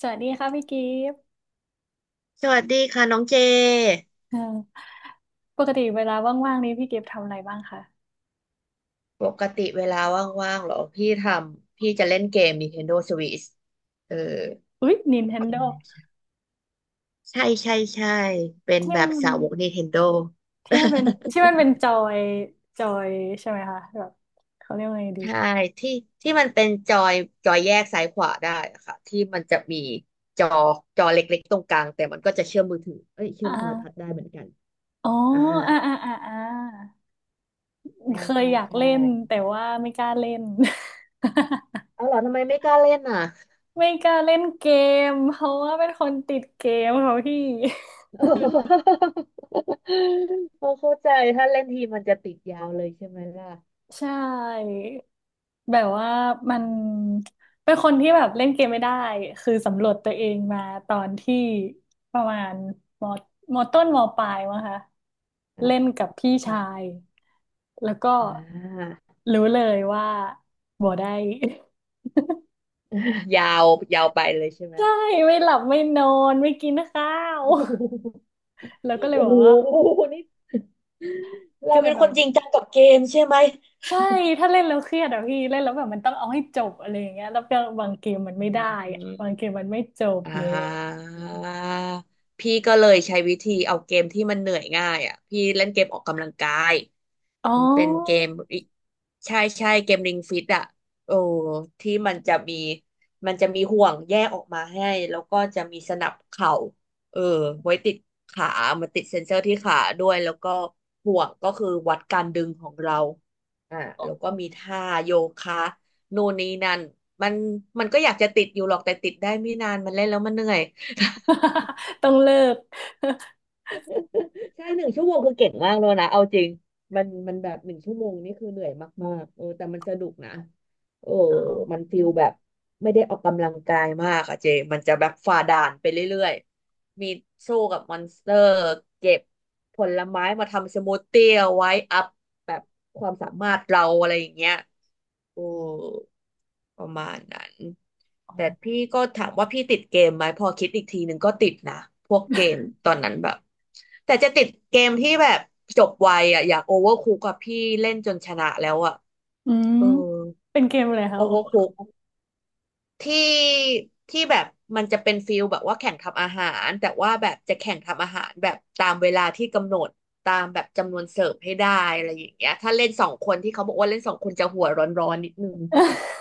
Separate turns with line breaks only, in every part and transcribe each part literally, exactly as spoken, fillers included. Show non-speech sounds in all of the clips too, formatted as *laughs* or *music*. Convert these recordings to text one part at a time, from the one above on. สวัสดีค่ะพี่กิฟต์
สวัสดีค่ะน้องเจ
เอ่อปกติเวลาว่างๆนี้พี่กิฟต์ทำอะไรบ้างคะ
ปกติเวลาว่างๆเหรอพี่ทำพี่จะเล่นเกม Nintendo Switch เออ
อุ๊ย Nintendo
ใช่ใช่ใช่เป็น
ที่
แบบ
มัน
สาวก Nintendo *laughs*
ที่มันเป็นที่มันเป็นจอยจอยใช่ไหมคะแบบเขาเรียกว่าไงดี
ใช่ที่ที่มันเป็นจอยจอยแยกซ้ายขวาได้อะค่ะที่มันจะมีจอจอเล็กๆตรงกลางแต่มันก็จะเชื่อมมือถือเอ้ยเชื่
อ่
อมโทรทัศน์
า
ได้เหมือนกัน
อ๋อ
อ่า
อ่าอ่าอ่าอ่า
ใช่
เคย
ใช่
อยาก
ใช่
เล่นแต่ว่าไม่กล้าเล่น
เอาเหรอทำไมไม่กล้าเล่นอ่ะ
*laughs* ไม่กล้าเล่นเกมเพราะว่าเป็นคนติดเกมเขาพี่
*laughs* พอเข้าใจถ้าเล่นทีมันจะติดยาวเลยใช่ไหมล่ะ
ใช่ แบบว่ามั
อื
น
ม
เป็นคนที่แบบเล่นเกมไม่ได้คือสำรวจตัวเองมาตอนที่ประมาณมมต้นมปลายมั้งคะ
อ่า
เล่นกับพี่
ค่ะ
ชายแล้วก็
อ่า
รู้เลยว่าบ่ได้
ยาวยาวไปเลยใช่ไห
*laughs*
ม
ใช่ไม่หลับไม่นอนไม่กินข้าว *laughs* แล้วก็เลย
โอ้
บอ
โห
กว่า
โอ้โหนี่
ก็
เรา
เล
เป็
ย
น
แบ
ค
บ
นจริงจังกับเกมใช่ไหม
ใช่ถ้าเล่นแล้วเครียดอะพี่เล่นแล้วแบบมันต้องเอาให้จบอะไรอย่างเงี้ยแล้วก็บางเกมมัน
อื
ไม่ได้อะบาง
ม
เกมมันไม่จบ
อ่
เลย
าพี่ก็เลยใช้วิธีเอาเกมที่มันเหนื่อยง่ายอ่ะพี่เล่นเกมออกกำลังกาย
อ๋อ
มันเป็นเกมใช่ใช่เกมริงฟิตอ่ะโอ้ที่มันจะมีมันจะมีห่วงแยกออกมาให้แล้วก็จะมีสนับเข่าเออไว้ติดขามันติดเซ็นเซอร์ที่ขาด้วยแล้วก็ห่วงก็คือวัดการดึงของเราอ่าแล้วก็มีท่าโยคะ นู่นนี่นั่นมันมันก็อยากจะติดอยู่หรอกแต่ติดได้ไม่นานมันเล่นแล้วมันเหนื่อย
*laughs* ต้องเลิก
*laughs* ใช่หนึ่งชั่วโมงคือเก่งมากเลยนะเอาจริงมันมันแบบหนึ่งชั่วโมงนี่คือเหนื่อยมากๆเออแต่มันสนุกนะเออ
อ๋อ
มันฟิลแบบไม่ได้ออกกำลังกายมากอะเจมันจะแบบฝ่าด่านไปเรื่อยๆมีสู้กับมอนสเตอร์เก็บผลไม้มาทำสมูทตี้เอาไว้อัพแบบความสามารถเราอะไรอย่างเงี้ย โอ้ประมาณนั้น
อ๋
แต่
อ
พี่ก็ถามว่าพี่ติดเกมไหมพอคิดอีกทีหนึ่งก็ติดนะพวกเกมตอนนั้นแบบแต่จะติดเกมที่แบบจบไวอ่ะอยากโอเวอร์คุกกับพี่เล่นจนชนะแล้วอ่ะ
อืม
เออ
เป็นเกมอะไรคะ
โอ
โอ้
เวอร์คุกที่ที่แบบมันจะเป็นฟิลแบบว่าแข่งทำอาหารแต่ว่าแบบจะแข่งทำอาหารแบบตามเวลาที่กำหนดตามแบบจำนวนเสิร์ฟให้ได้อะไรอย่างเงี้ยถ้าเล่นสองคนที่เขาบอกว่าเล่นสองคนจะหัวร้อนๆนิดนึง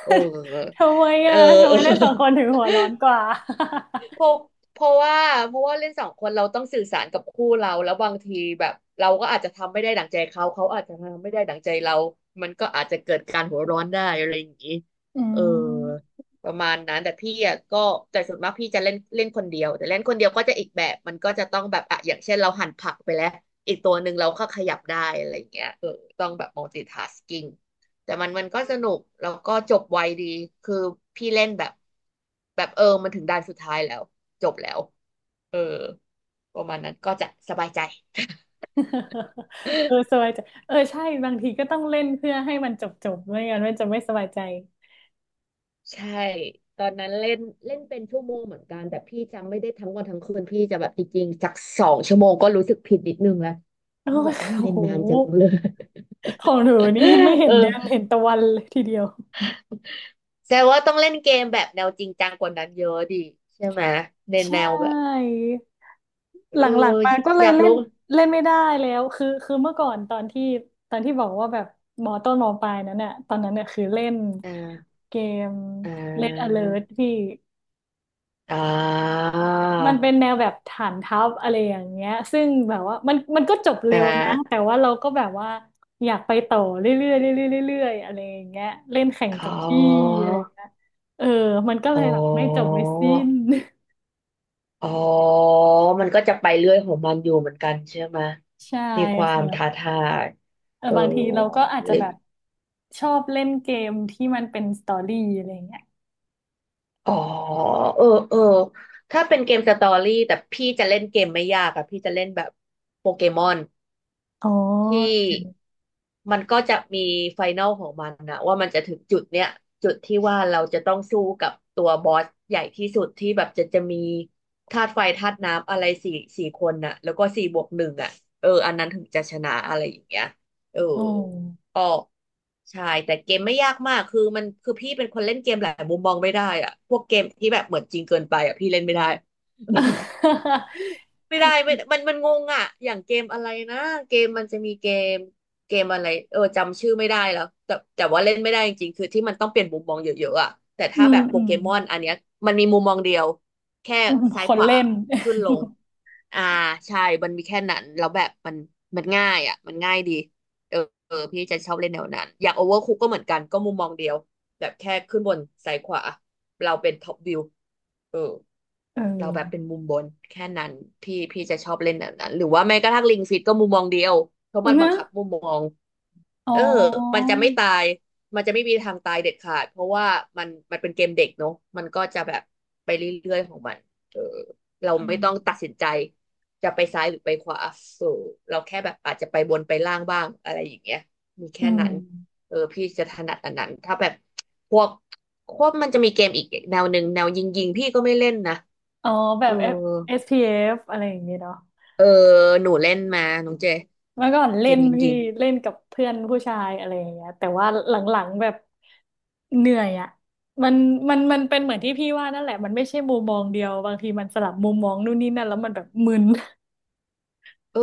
เออ
ทำไม
เออ
อ่ะ
*laughs*
ทำ
เอ
ไม
อ
เล่นสองคนถึงหัวร้อนกว่า
เพราะเพราะว่าเพราะว่าเล่นสองคนเราต้องสื่อสารกับคู่เราแล้วบางทีแบบเราก็อาจจะทำไม่ได้ดั่งใจเขาเขาอาจจะทำไม่ได้ดั่งใจเรามันก็อาจจะเกิดการหัวร้อนได้อะไรอย่างนี้
อื
เออ
ม
ประมาณนั้นแต่พี่อ่ะก็แต่ส่วนมากพี่จะเล่นเล่นคนเดียวแต่เล่นคนเดียวก็จะอีกแบบมันก็จะต้องแบบอ่ะอย่างเช่นเราหั่นผักไปแล้วอีกตัวหนึ่งเราก็ขยับได้อะไรอย่างเงี้ยเออต้องแบบ multitasking แต่มันมันก็สนุกแล้วก็จบไวดีคือพี่เล่นแบบแบบเออมันถึงด่านสุดท้ายแล้วจบแล้วเออประมาณนั้นก็จะสบายใจ
*laughs* เออสบายใจเออใช่บางทีก็ต้องเล่นเพื่อให้มันจบจบไม่งั้นมันจะไม่สบายใจ
ใช่ตอนนั้นเล่นเล่นเป็นชั่วโมงเหมือนกันแต่พี่จำไม่ได้ทั้งวันทั้งคืนพี่จะแบบจริงๆสักสองชั่วโมงก็รู้สึกผิดนิดนึงแล้ว
โอ้
ว่าแบ
ย
บโอ้
โอ้
เล่น
โห
นานจังเลย
ของหนูนี่ไม่
*laughs*
เห็
เอ
นเดือน
อ
เห็นตะวันเลยทีเดียว
แสดงว่าต้องเล่นเกมแบบแนวจริงจังกว่านั้นเยอะดิใช่ไหมใน
ใช
แนวแบบ
่
เอ
หล
อ
ังๆมาก็เล
อ
ย
ยาก
เล่
รู้
นเล่นไม่ได้แล้วคือคือเมื่อก่อนตอนที่ตอนที่บอกว่าแบบมอต้นมอปลายนั้นเนี่ยตอนนั้นเนี่ยคือเล่น
อ่า
เกม
อ่
Red Alert
า
ที่
อ่า
มันเป็นแนวแบบฐานทัพอะไรอย่างเงี้ยซึ่งแบบว่ามันมันก็จบ
อ่
เร็วนะแต่
า
ว่าเราก็แบบว่าอยากไปต่อเรื่อยๆเรื่อยๆเรื่อยๆอะไรอย่างเงี้ยเล่นแข่ง
อ๋อ
กับพี่อะไรอย่างเงี้ยเออมันก็เล
อ๋อ
ยแบบไม่จบไม่สิ้น
อ๋อ มันก็จะไปเรื่อยของมันอยู่เหมือนกันใช่ไหม
*laughs* ใช่
มีความท้า
ค่ะ
ทาย
เออ
เออ
บางทีเราก็อาจ
ห
จะ
รือ
แบบชอบเล่นเกมที่มันเป็นสตอรี่อะไรเงี้ย
อ๋อเออเออถ้าเป็นเกมสตอรี่แต่พี่จะเล่นเกมไม่ยากอะพี่จะเล่นแบบโปเกมอน
อ๋อ
ที่มันก็จะมีไฟแนลของมันนะว่ามันจะถึงจุดเนี้ยจุดที่ว่าเราจะต้องสู้กับตัวบอสใหญ่ที่สุดที่แบบจะจะมีธาตุไฟธาตุน้ำอะไรสี่สี่คนน่ะแล้วก็สี่บวกหนึ่งอ่ะเอออันนั้นถึงจะชนะอะไรอย่างเงี้ยเออ
อ๋อ
ก็ใช่แต่เกมไม่ยากมากคือมันคือพี่เป็นคนเล่นเกมหลายมุมมองไม่ได้อ่ะพวกเกมที่แบบเหมือนจริงเกินไปอ่ะพี่เล่นไม่ได้ *laughs* ไม่ได้ไม่มันมันงงอ่ะอย่างเกมอะไรนะเกมมันจะมีเกมเกมอะไรเออจำชื่อไม่ได้แล้วแต่แต่ว่าเล่นไม่ได้จริงๆคือที่มันต้องเปลี่ยนมุมมองเยอะๆอ่ะแต่
อื
ถ้าแบ
ม
บโป
อื
เก
ม
มอนอันเนี้ยมันมีมุมมองเดียวแค่
อืม
ซ้าย
ค
ข
น
วา
เล่น
ขึ้นลงอ่าใช่มันมีแค่นั้นแล้วแบบมันมันง่ายอ่ะมันง่ายดีเออเออพี่จะชอบเล่นแนวนั้นอย่างโอเวอร์คุกก็เหมือนกันก็มุมมองเดียว แบบแค่ขึ้นบนซ้ายขวาเราเป็นท็อปวิวเออ
เอ
เราแบบเป็น
อ
มุมบนแค่นั้นพี่พี่จะชอบเล่นแบบนั้นหรือว่าแม้กระทั่งลิงฟิตก็มุมมองเดียวเพราะมั
*laughs*
น
เน
บัง
อะ
คับมุมมอง
อ๋
เออมั
อ
นจะไม่ตาย มันจะไม่มีทางตายเด็ดขาด เพราะว่ามันมันเป็นเกมเด็กเนาะมันก็จะแบบไปเรื่อยๆของมันเออเรา
เอ
ไม่
อ
ต้องตัดสินใจจะไปซ้ายหรือไปขวาเออเราแค่แบบอาจจะไปบนไปล่างบ้างอะไรอย่างเงี้ยมี
อื
แค่
ม
นั้นเออพี่จะถนัดอันนั้นถ้าแบบพวกพวกมันจะมีเกมอีกแนวหนึ่งแนวยิงยิงพี่ก็ไม่เล่นนะ
อ๋อแบ
เ
บ F-
ออ
เอส พี เอฟ อสพีเอฟอะไรอย่างเงี้ยเนาะ
เออหนูเล่นมาน้องเจ
เมื่อก่อน
เก
เล่
ม
น
ยิงยิ
พี่
ง
เล่นกับเพื่อนผู้ชายอะไรอย่างเงี้ยแต่ว่าหลังๆแบบเหนื่อยอ่ะมันมันมันเป็นเหมือนที่พี่ว่านั่นแหละมันไม่ใช่มุมมองเดียวบางทีมันสลับมุมมองนู่นนี่นั่นแล้วมันแบบมึน
เออ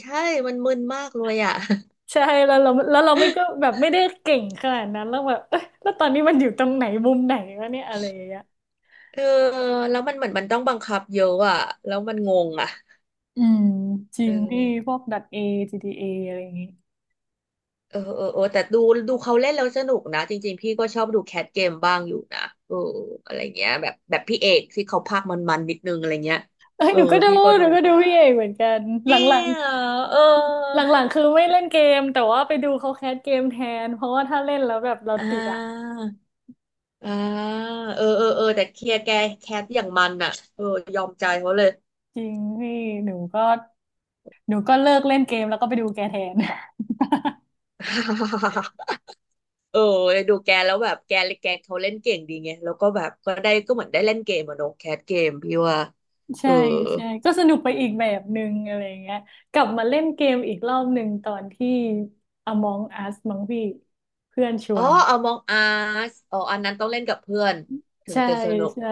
ใช่มันมึนมากเลยอ่ะ
*laughs* ใช่แล้วเราแล้วเราไม่ก็แบบไม่ได้เก่งขนาดนั้นแล้วแบบ *laughs* เอ้ยแล้วตอนนี้มันอยู่ตรงไหนมุมไหนวะเนี่ยอะไรอย่างเงี้ย
เออแล้วมันเหมือนมันต้องบังคับเยอะอ่ะแล้วมันงงอ่ะ
อืมจริ
เอ
งพี่พ
อ
วกดัตเอจีดีเออะไรอย่างงี้
เออเออเออแต่ดูดูเขาเล่นแล้วสนุกนะจริงๆพี่ก็ชอบดูแคทเกมบ้างอยู่นะเอออะไรเงี้ยแบบแบบพี่เอกที่เขาพากย์มันๆนิดนึงอะไรเงี้ย
เอ้ย
เอ
ห
อ
นูก็ดู
พี่ก็
ห
ดู
นูก็ดู
บ้า
พี่
ง
เอกเหมือนกันห
จริ
ลั
ง
ง
เหร
ๆ
อเออ
หลังๆคือไม่เล่นเกมแต่ว่าไปดูเขาแคสเกมแทนเพราะว่าถ้าเล่นแล้วแบบเรา
อ่
ติดอะ
าอ่าเออเออเออแต่เคลียร์แกแคทอย่างมันอ่ะเออยอมใจเขาเลย
จริงนี่หนูก็หนูก็เลิกเล่นเกมแล้วก็ไปดูแกแทน
เออดูแกแล้วแบบแกแกเขาเล่นเก่งดีไง แล้วก็แบบก็ได้ก็เหมือนได้เล่นเกมอะเนอะแคสเกมพี่ว่า
*laughs*
เอ
ใช่
อ
ใช่ก็สนุกไปอีกแบบหนึ่งอะไรอย่างเงี้ยกลับมาเล่นเกมอีกรอบหนึ่งตอนที่ Among Us มั้งพี่เพื่อนช
อ๋
ว
อ
น
เอามองออ๋ออันนั้นต้องเล่นกับเพื่อนถึง
ใช่
จะสนุก
ใช่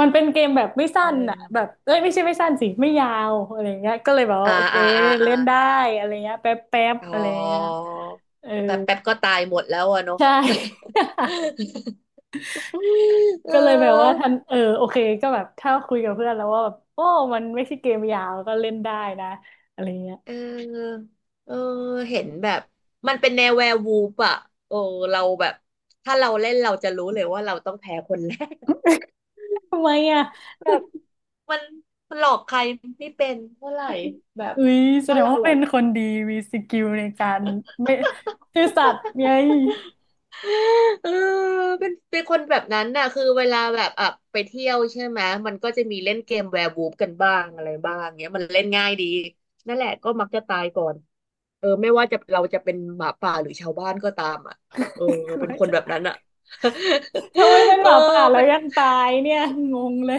มันเป็นเกมแบบไม่สั้
เอ
นอ่ะ
อ
แบบเอ้ยไม่ใช่ไม่สั้นสิไม่ยาวอะไรอย่างเงี้ยก็เลยแบบว่า
อ่า
โอเค
อ่าอ่าอ่า
เล่นได้อะไรเงี้ยแป๊บแป๊บ
อ๋อ
อะไรเงี้ยเออ
แป๊บแป๊บก็ตายหมดแล้วอะเนอะ
ใช่ *laughs*
*laughs* เ
ก็เลยแบบว่า
ออ
ท่านเออโอเคก็แบบถ้าคุยกับเพื่อนแล้วว่าแบบโอ้มันไม่ใช่เกมยาวก็เล่นได้นะอะไรเงี้ย
เออเออเห็นแบบมันเป็นแนวแวร์วูฟอะโอ้เราแบบถ้าเราเล่นเราจะรู้เลยว่าเราต้องแพ้คนแรก
ทำไมอ่ะ
แบบ มันมันหลอกใครไม่เป็นเท่าไหร่แบบ
อุ้ยแส
ถ้า
ดง
เรา
ว่า
แบ
เป็
บ
นคนดีมีสกิลในการไม่ซื่อสัตย์ไง
*laughs* เออเป็นเป็นคนแบบนั้นน่ะคือเวลาแบบอ่ะไปเที่ยวใช่ไหมมันก็จะมีเล่นเกมแวร์วูฟกันบ้างอะไรบ้างเงี้ยมันเล่นง่ายดีนั่นแหละก็มักจะตายก่อนเออไม่ว่าจะเราจะเป็นหมาป่าหรือชาวบ้านก็ตามอ่ะเออ
กลั
เป็
ว
นคน
จะ
แบบนั้นอ่ะ *laughs*
*laughs* ทำไมเป็น
เอ
ห
อ
มาป่าแล้
เป็
ว
น
ยังตายเนี่ยงงเลย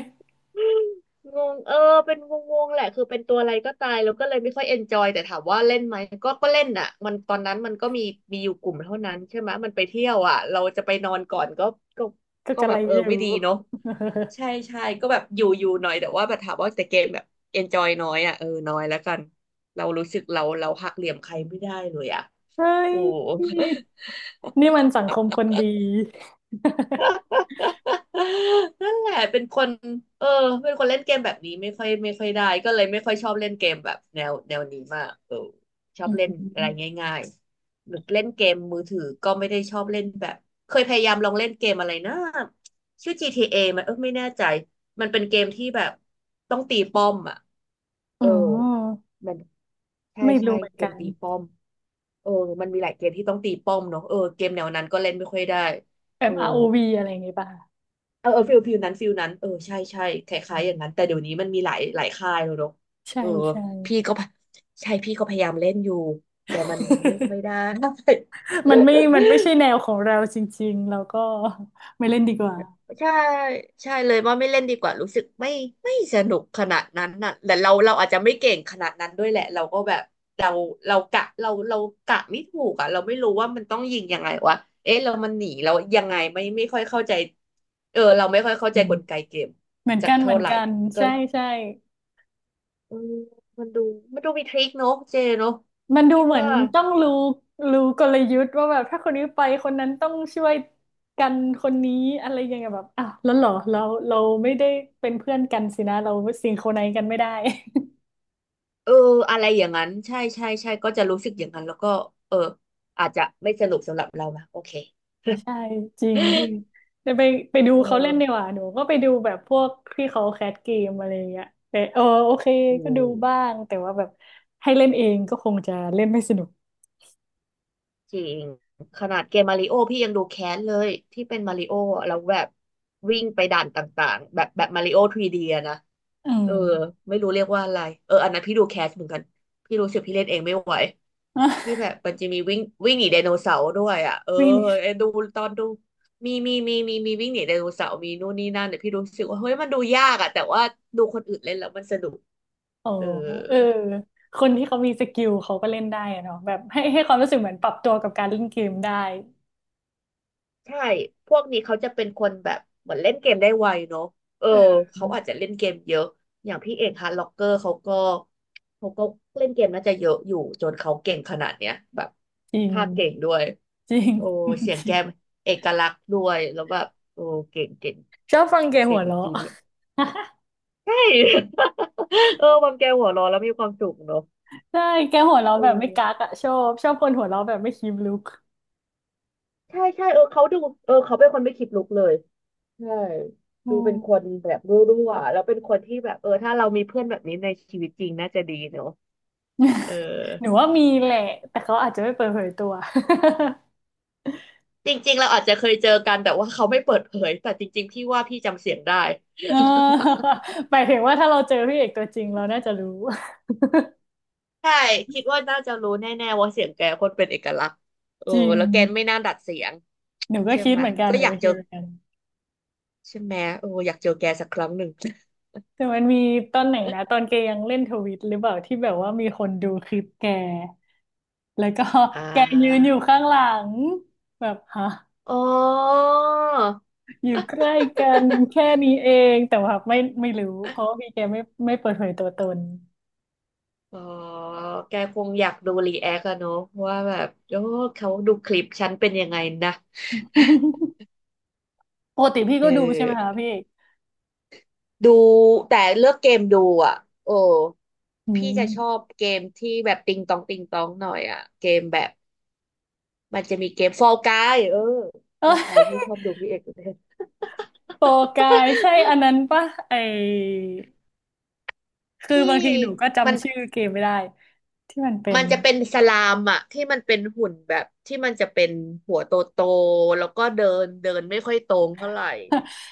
งงเออเป็นงงงแหละคือเป็นตัวอะไรก็ตายแล้วก็เลยไม่ค่อยเอนจอยแต่ถามว่าเล่นไหมก็ก็เล่นอ่ะมันตอนนั้นมันก็มีมีอยู่กลุ่มเท่านั้นใช่ไหมมันไปเที่ยวอ่ะเราจะไปนอนก่อนก็ก็
ก็
ก็
กะ
แบ
ไร
บเออ
อยู่
ไม่ดีเนาะ
*laughs*
ใช่ใช่ก็แบบอยู่อยู่หน่อยแต่ว่าแบบถามว่าแต่เกมแบบเอนจอยน้อยอ่ะเออน้อยแล้วกันเรารู้สึกเราเราหักเหลี่ยมใครไม่ได้เลยอ่ะ
เฮ้ย
โอ้
นี่มันสังคมคนดี
*laughs* นั่นแหละเป็นคนเออเป็นคนเล่นเกมแบบนี้ไม่ค่อยไม่ค่อยได้ก็เลยไม่ค่อยชอบเล่นเกมแบบแนวแนวนี้มากเออชอ
อื
บเล่นอะไร
ม
ง่ายๆหรือเล่นเกมมือถือก็ไม่ได้ชอบเล่นแบบเคยพยายามลองเล่นเกมอะไรนะชื่อ จี ที เอ มันเออไม่แน่ใจมันเป็นเกมที่แบบต้องตีป้อมอ่ะเอ
อ๋อ
อมันใช่
ไม่
ใช่
รู้เหมือน
เก
กั
ม
น
ตีป้อมเออมันมีหลายเกมที่ต้องตีป้อมเนาะเออเกมแนวนั้นก็เล่นไม่ค่อยได้
แบ
เอ
บ
อ
อาร์ โอ วี อวีอะไรอย่างงี้ป่ะ
เออเออฟิลฟิลนั้นฟิลนั้นเออใช่ใช่คล้ายๆอย่างนั้นแต่เดี๋ยวนี้มันมีหลายหลายค่ายแล้วเนอะ
ใช่
เออ
ใช่
พี่ก็พะใช่พี่ก็พยายามเล่นอยู่แต่มันไม่ค่อยได้
*laughs*
*laughs*
มันไม่มันไม่ใช่แนวของเราจริงๆเราก็ไม่เล่นดีกว่า
ใช่ใช่เลยว่าไม่เล่นดีกว่ารู้สึกไม่ไม่สนุกขนาดนั้นน่ะแต่เราเราอาจจะไม่เก่งขนาดนั้นด้วยแหละเราก็แบบเราเรากะเราเรากะไม่ถูกอ่ะเราไม่รู้ว่ามันต้องยิงยังไงวะเอ๊ะเรามันหนีเรายังไงไม่ไม่ค่อยเข้าใจเออเราไม่ค่อยเข้า
อื
ใจ
ม
กลไกเกม
เหมือน
จาก
กันเห
เท่า
มือน
ไหร่
กัน
ก็
ใช่ใช่
เออมันดูมันดูมีทริคเนอะเจเนอะ
มันดู
พี่
เหมือน
ว่า
ต้องรู้รู้กลยุทธ์ว่าแบบถ้าคนนี้ไปคนนั้นต้องช่วยกันคนนี้อะไรอย่างเงี้ยแบบอ้าวแล้วเหรอเราเราไม่ได้เป็นเพื่อนกันสินะเราซิงโครไนซ์กันไม่ได้
เอออะไรอย่างนั้นใช่ใช่ใช่ก็จะรู้สึกอย่างนั้นแล้วก็เอออาจจะไม่สนุกสำหรับเรานะโอเค
ใช่จริงพี่
*laughs*
จะไปไปดู
เอ
เขาเล่น
อ
ดีกว่าหนูก็ไปดูแบบพวกที่เขาแคสเกมอะไรอย่างเงี้ยแต่เออโอเค
อื
ก็ดูบ้า
ม
งแต่ว่าแบบให้เล่นเองก็คงจะเล่นไม่สนุก
จริงขนาดเกมมาริโอพี่ยังดูแค้นเลยที่เป็นมาริโออะแล้วแบบวิ่งไปด่านต่างๆแบบแบบมาริโอ3ีดีอะนะ
อื
เอ
ม
อไม่รู้เรียกว่าอะไรเอออันนั้นพี่ดูแคสเหมือนกันพี่รู้สึกพี่เล่นเองไม่ไหวที่แบ
*laughs*
บมันจะมีวิ่งวิ่งหนีไดโนเสาร์ด้วยอ่ะเออ
วิ่ง
ไอ้ดูตอนดูมีมีมีมีมีวิ่งหนีไดโนเสาร์มีนู่นนี่นั่นเนี่ยพี่รู้สึกว่าเฮ้ยมันดูยากอ่ะแต่ว่าดูคนอื่นเล่นแล้วมันสนุก
อ๋อ
เออ
เออคนที่เขามีสกิลเขาก็เล่นได้อะเนาะแบบให้ให้ความรู้สึกเหมือนปรับตัวกับการเล่นเกมได้
ใช่พวกนี้เขาจะเป็นคนแบบเหมือนเล่นเกมได้ไวเนาะเออ
เออ
เขาอาจจะเล่นเกมเยอะอย่างพี่เอกฮาร์ดล็อกเกอร์เขาก็เขาก็เล่นเกมน่าจะเยอะอยู่จนเขาเก่งขนาดเนี้ยแบบ
จริง
ภาคเก่งด้วย
จริง
โอ้
*laughs*
เสียง
จ
แก
ริง
มเอกลักษณ์ด้วยแล้วแบบโอ้เก่งเก่ง
ชอบฟังแก
เก่
หัว
ง
เราะ
จริงเนี่ยใช่ *laughs* เออความแกหัวเร้อนแล้วมีความสุขเนาะ
ใช่แกหัวเราะ
เอ
แบบไม่กัก
อ
อะชอบชอบคนหัวเราะแบบไม่คิมลุก
ใช่ใช่เออเขาดูเออเขาเป็นคนไม่คิดลุกเลย ใช่
อื
ดูเป็นค
ม
นแบบรั่วๆแล้วเป็นคนที่แบบเออถ้าเรามีเพื่อนแบบนี้ในชีวิตจริงน่าจะดีเนอะเออ
หนูว่ามีแหละแต่เขาอาจจะไม่เปิดเผยตัว *laughs*
จริงๆเราอาจจะเคยเจอกันแต่ว่าเขาไม่เปิดเผยแต่จริงๆพี่ว่าพี่จำเสียงได้
เออหมายถึงว่าถ้าเราเจอพี่เอกตัวจริงเราน่าจะรู้
ใช่คิดว่าน่าจะรู้แน่ๆว่าเสียงแกคนเป็นเอกลักษณ์เออ
จริง
แล้วแกไม่น่าดัดเสียง
หนูก็
ใช่
คิด
ไหม
เหมือนกัน
ก็
หนู
อยาก
ก็
เจ
คิ
อ
ดเหมือนกัน
ใช่ไหมโอออยากเจอแกสักครั้งหนึ่ง
แต่มันมีตอนไหนนะตอนแกยังเล่นทวิตหรือเปล่าที่แบบว่ามีคนดูคลิปแกแล้วก็
อ่
*laughs* แกยืนอ
า
ยู่ข้างหลังแบบฮะ
อ๋อ
อยู่ใกล้กันแค่นี้เองแต่ว่าไม่ไม่รู้เพราะว่าพี่แกไม่ไม่เปิดเผยตัวตน
อ๋อแกคงอยากดูรีแอคอะเนอะว่าแบบโอ้เขาดูคลิปฉันเป็นยังไงนะ
*laughs* ปกติพี่
เอ
ก็ดูใช่ไหมคะ
อ
พี่เอก
ดูแต่เลือกเกมดูอ่ะโอ้
อื
พี่
ม
จะชอบเกมที่แบบติงตองติงตองหน่อยอ่ะเกมแบบมันจะมีเกมฟอลกายเออฟ
เอ
อลกาย
อ
พี่ชอบดูพี่เอกเลย
โปรกายใช่อันนั้นปะไอคือ
ที่
บางทีหนูก็
*laughs* มัน
จำชื่อเกมไม่ได้ที่มันเป็
มั
น
นจะเป็นสลามอะที่มันเป็นหุ่นแบบที่มันจะเป็นหัวโตโตแล้วก็เดินเดินไม่ค่อยตรงเท่าไหร่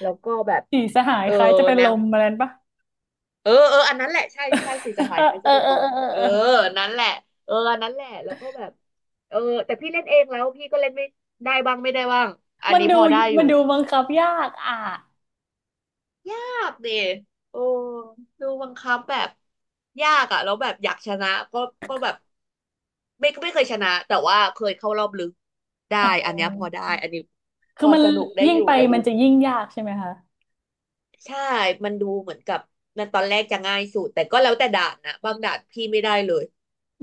แล้วก็แบบ
สีสหาย
เออ
คล้ายจะเป็น
แน
ล
ว
มอะไรนั้นปะ
เออเอออันนั้นแหละใช่ใช่สิจะหายใคร
*laughs* เอ
จะ
อ
เป็น
เอ
ล
อเอ
ม
อเออ
เออ
เออ
นั้นแหละเอออันนั้นแหละแล้วก็แบบเออแต่พี่เล่นเองแล้วพี่ก็เล่นไม่ได้บ้างไม่ได้บ้างอัน
มัน
นี้
ดู
พอได้อ
มั
ยู่
นดูบังคับยากอ่ะ
ยากดิโอ้ดูบังคับแบบยากอะแล้วแบบอยากชนะก็ก็แบบไม่ไม่เคยชนะแต่ว่าเคยเข้ารอบลึก
อ๋
ได้
อ
อันเนี้ยพอได้อันนี้พ
คือ
อ
มัน
สนุกได้
ยิ่ง
อยู่
ไป
แต่
มั
ดู
นจะยิ่งยากใช่ไหมคะ
ใช่ มันดูเหมือนกับมันตอนแรกจะง่ายสุดแต่ก็แล้วแต่ด่านนะบางด่านพี่ไม่ได้เลยแ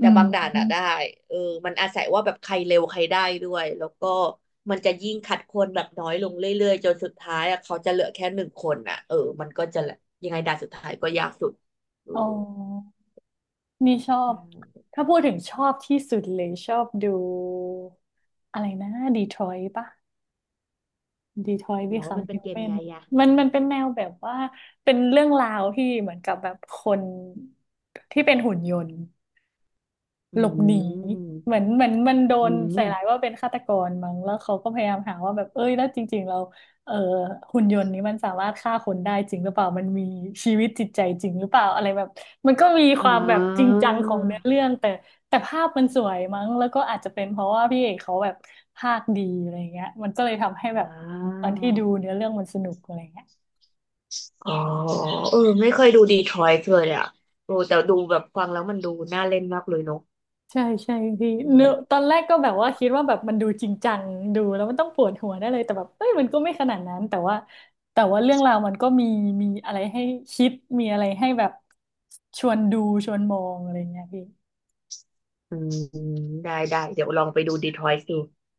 อื
ต่บางด่านอะได้
ม
เออมันอาศัยว่าแบบใครเร็วใครได้ด้วยแล้วก็มันจะยิ่งคัดคนแบบน้อยลงเรื่อยๆจนสุดท้ายอะเขาจะเหลือแค่หนึ่งคนอะเออมันก็จะยังไงด่านสุดท้ายก็ยากสุดเออ
อ๋อนี่ชอ
ใช
บ
่
ถ้าพูดถึงชอบที่สุดเลยชอบดูอะไรนะดีทรอยต์ปะ ดีทอยบี
แล้ว
คัม
มันเป็
ฮิ
น
ว
เก
แม
ม
น
ไงอะ
มันมันเป็นแนวแบบว่าเป็นเรื่องราวที่เหมือนกับแบบคนที่เป็นหุ่นยนต์
อื
หลบหนีเห
ม
มือนเหมือนมันโด
อื
นใส่ร้าย
ม
ว่าเป็นฆาตกรมั้งแล้วเขาก็พยายามหาว่าแบบเอ้ยแล้วจริงๆเราเอ่อหุ่นยนต์นี้มันสามารถฆ่าคนได้จริงหรือเปล่ามันมีชีวิตจิตใจจริงหรือเปล่าอะไรแบบมันก็มีค
อ่
วามแบบจริง
า
จังของเนื้อเรื่องแต่แต่ภาพมันสวยมั้งแล้วก็อาจจะเป็นเพราะว่าพี่เอกเขาแบบภาคดีอะไรเงี้ยมันก็เลยทำให้แบ
อ่
บตอนที่ดู
า
เนื้อเรื่องมันสนุกอะไรเงี้ย
อ๋อเออไม่เคยดูดีทรอยต์เลยอ่ะโอ้แต่ดูแบบฟังแล้วมันดูน่าเล่นมากเลยเนาะ
ใช่ใช่พี่
อื
เนอะต
ม
อนแรกก็แบบว่าคิดว่าแบบมันดูจริงจังดูแล้วมันต้องปวดหัวได้เลยแต่แบบเอ้ยมันก็ไม่ขนาดนั้นแต่ว่าแต่ว่าเรื่องราวมันก็มีมีอะไรให้คิดมีอะไรให้แบบชวนดูชวนมองอะไรเงี้ยพี่
อืมได้ได้เดี๋ยวลองไปดูดีทรอยต์ดู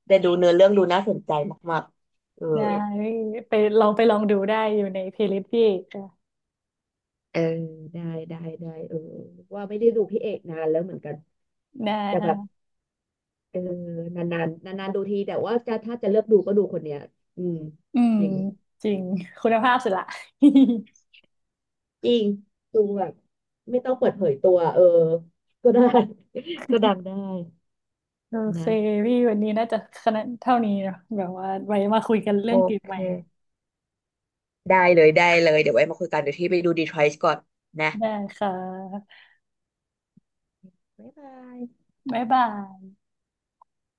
แต่ดูเนื้อเรื่องดูน่าสนใจมากๆเออ
ได้พี่ไปลองไปลองดูได้อยู่ในเพลย์ลิสต์พี่ค่ะ
เออได้ได้ได้เออว่าไม่ได้ดูพี่เอกนานแล้วเหมือนกัน
ได้
แต่
ค่
แบบ
ะ
เออนานนานนานนานๆดูทีแต่ว่าจะถ้าจะเลือกดูก็ดูคนเนี้ยอืม
อืม
จริง
จริงคุณภาพสุดละ *laughs*
จริงดูแบบไม่ต้องเปิดเผยตัวเออก็ได้ *laughs* ก็ดังได้
โอเค
นะ
พี่วันนี้น่าจะขนาดเท่านี้เนอะแบบว่าไว้มาคุยกัน
โอ
เรื่องเกม
เ
ใหม่
ค ได้เลยได้เลยเดี๋ยวไว้มาคุยกันเดี๋ยวที่ไปดูดีทรอยต์ก่อนนะ
ได้ค่ะ
บ๊ายบาย
บ๊ายบาย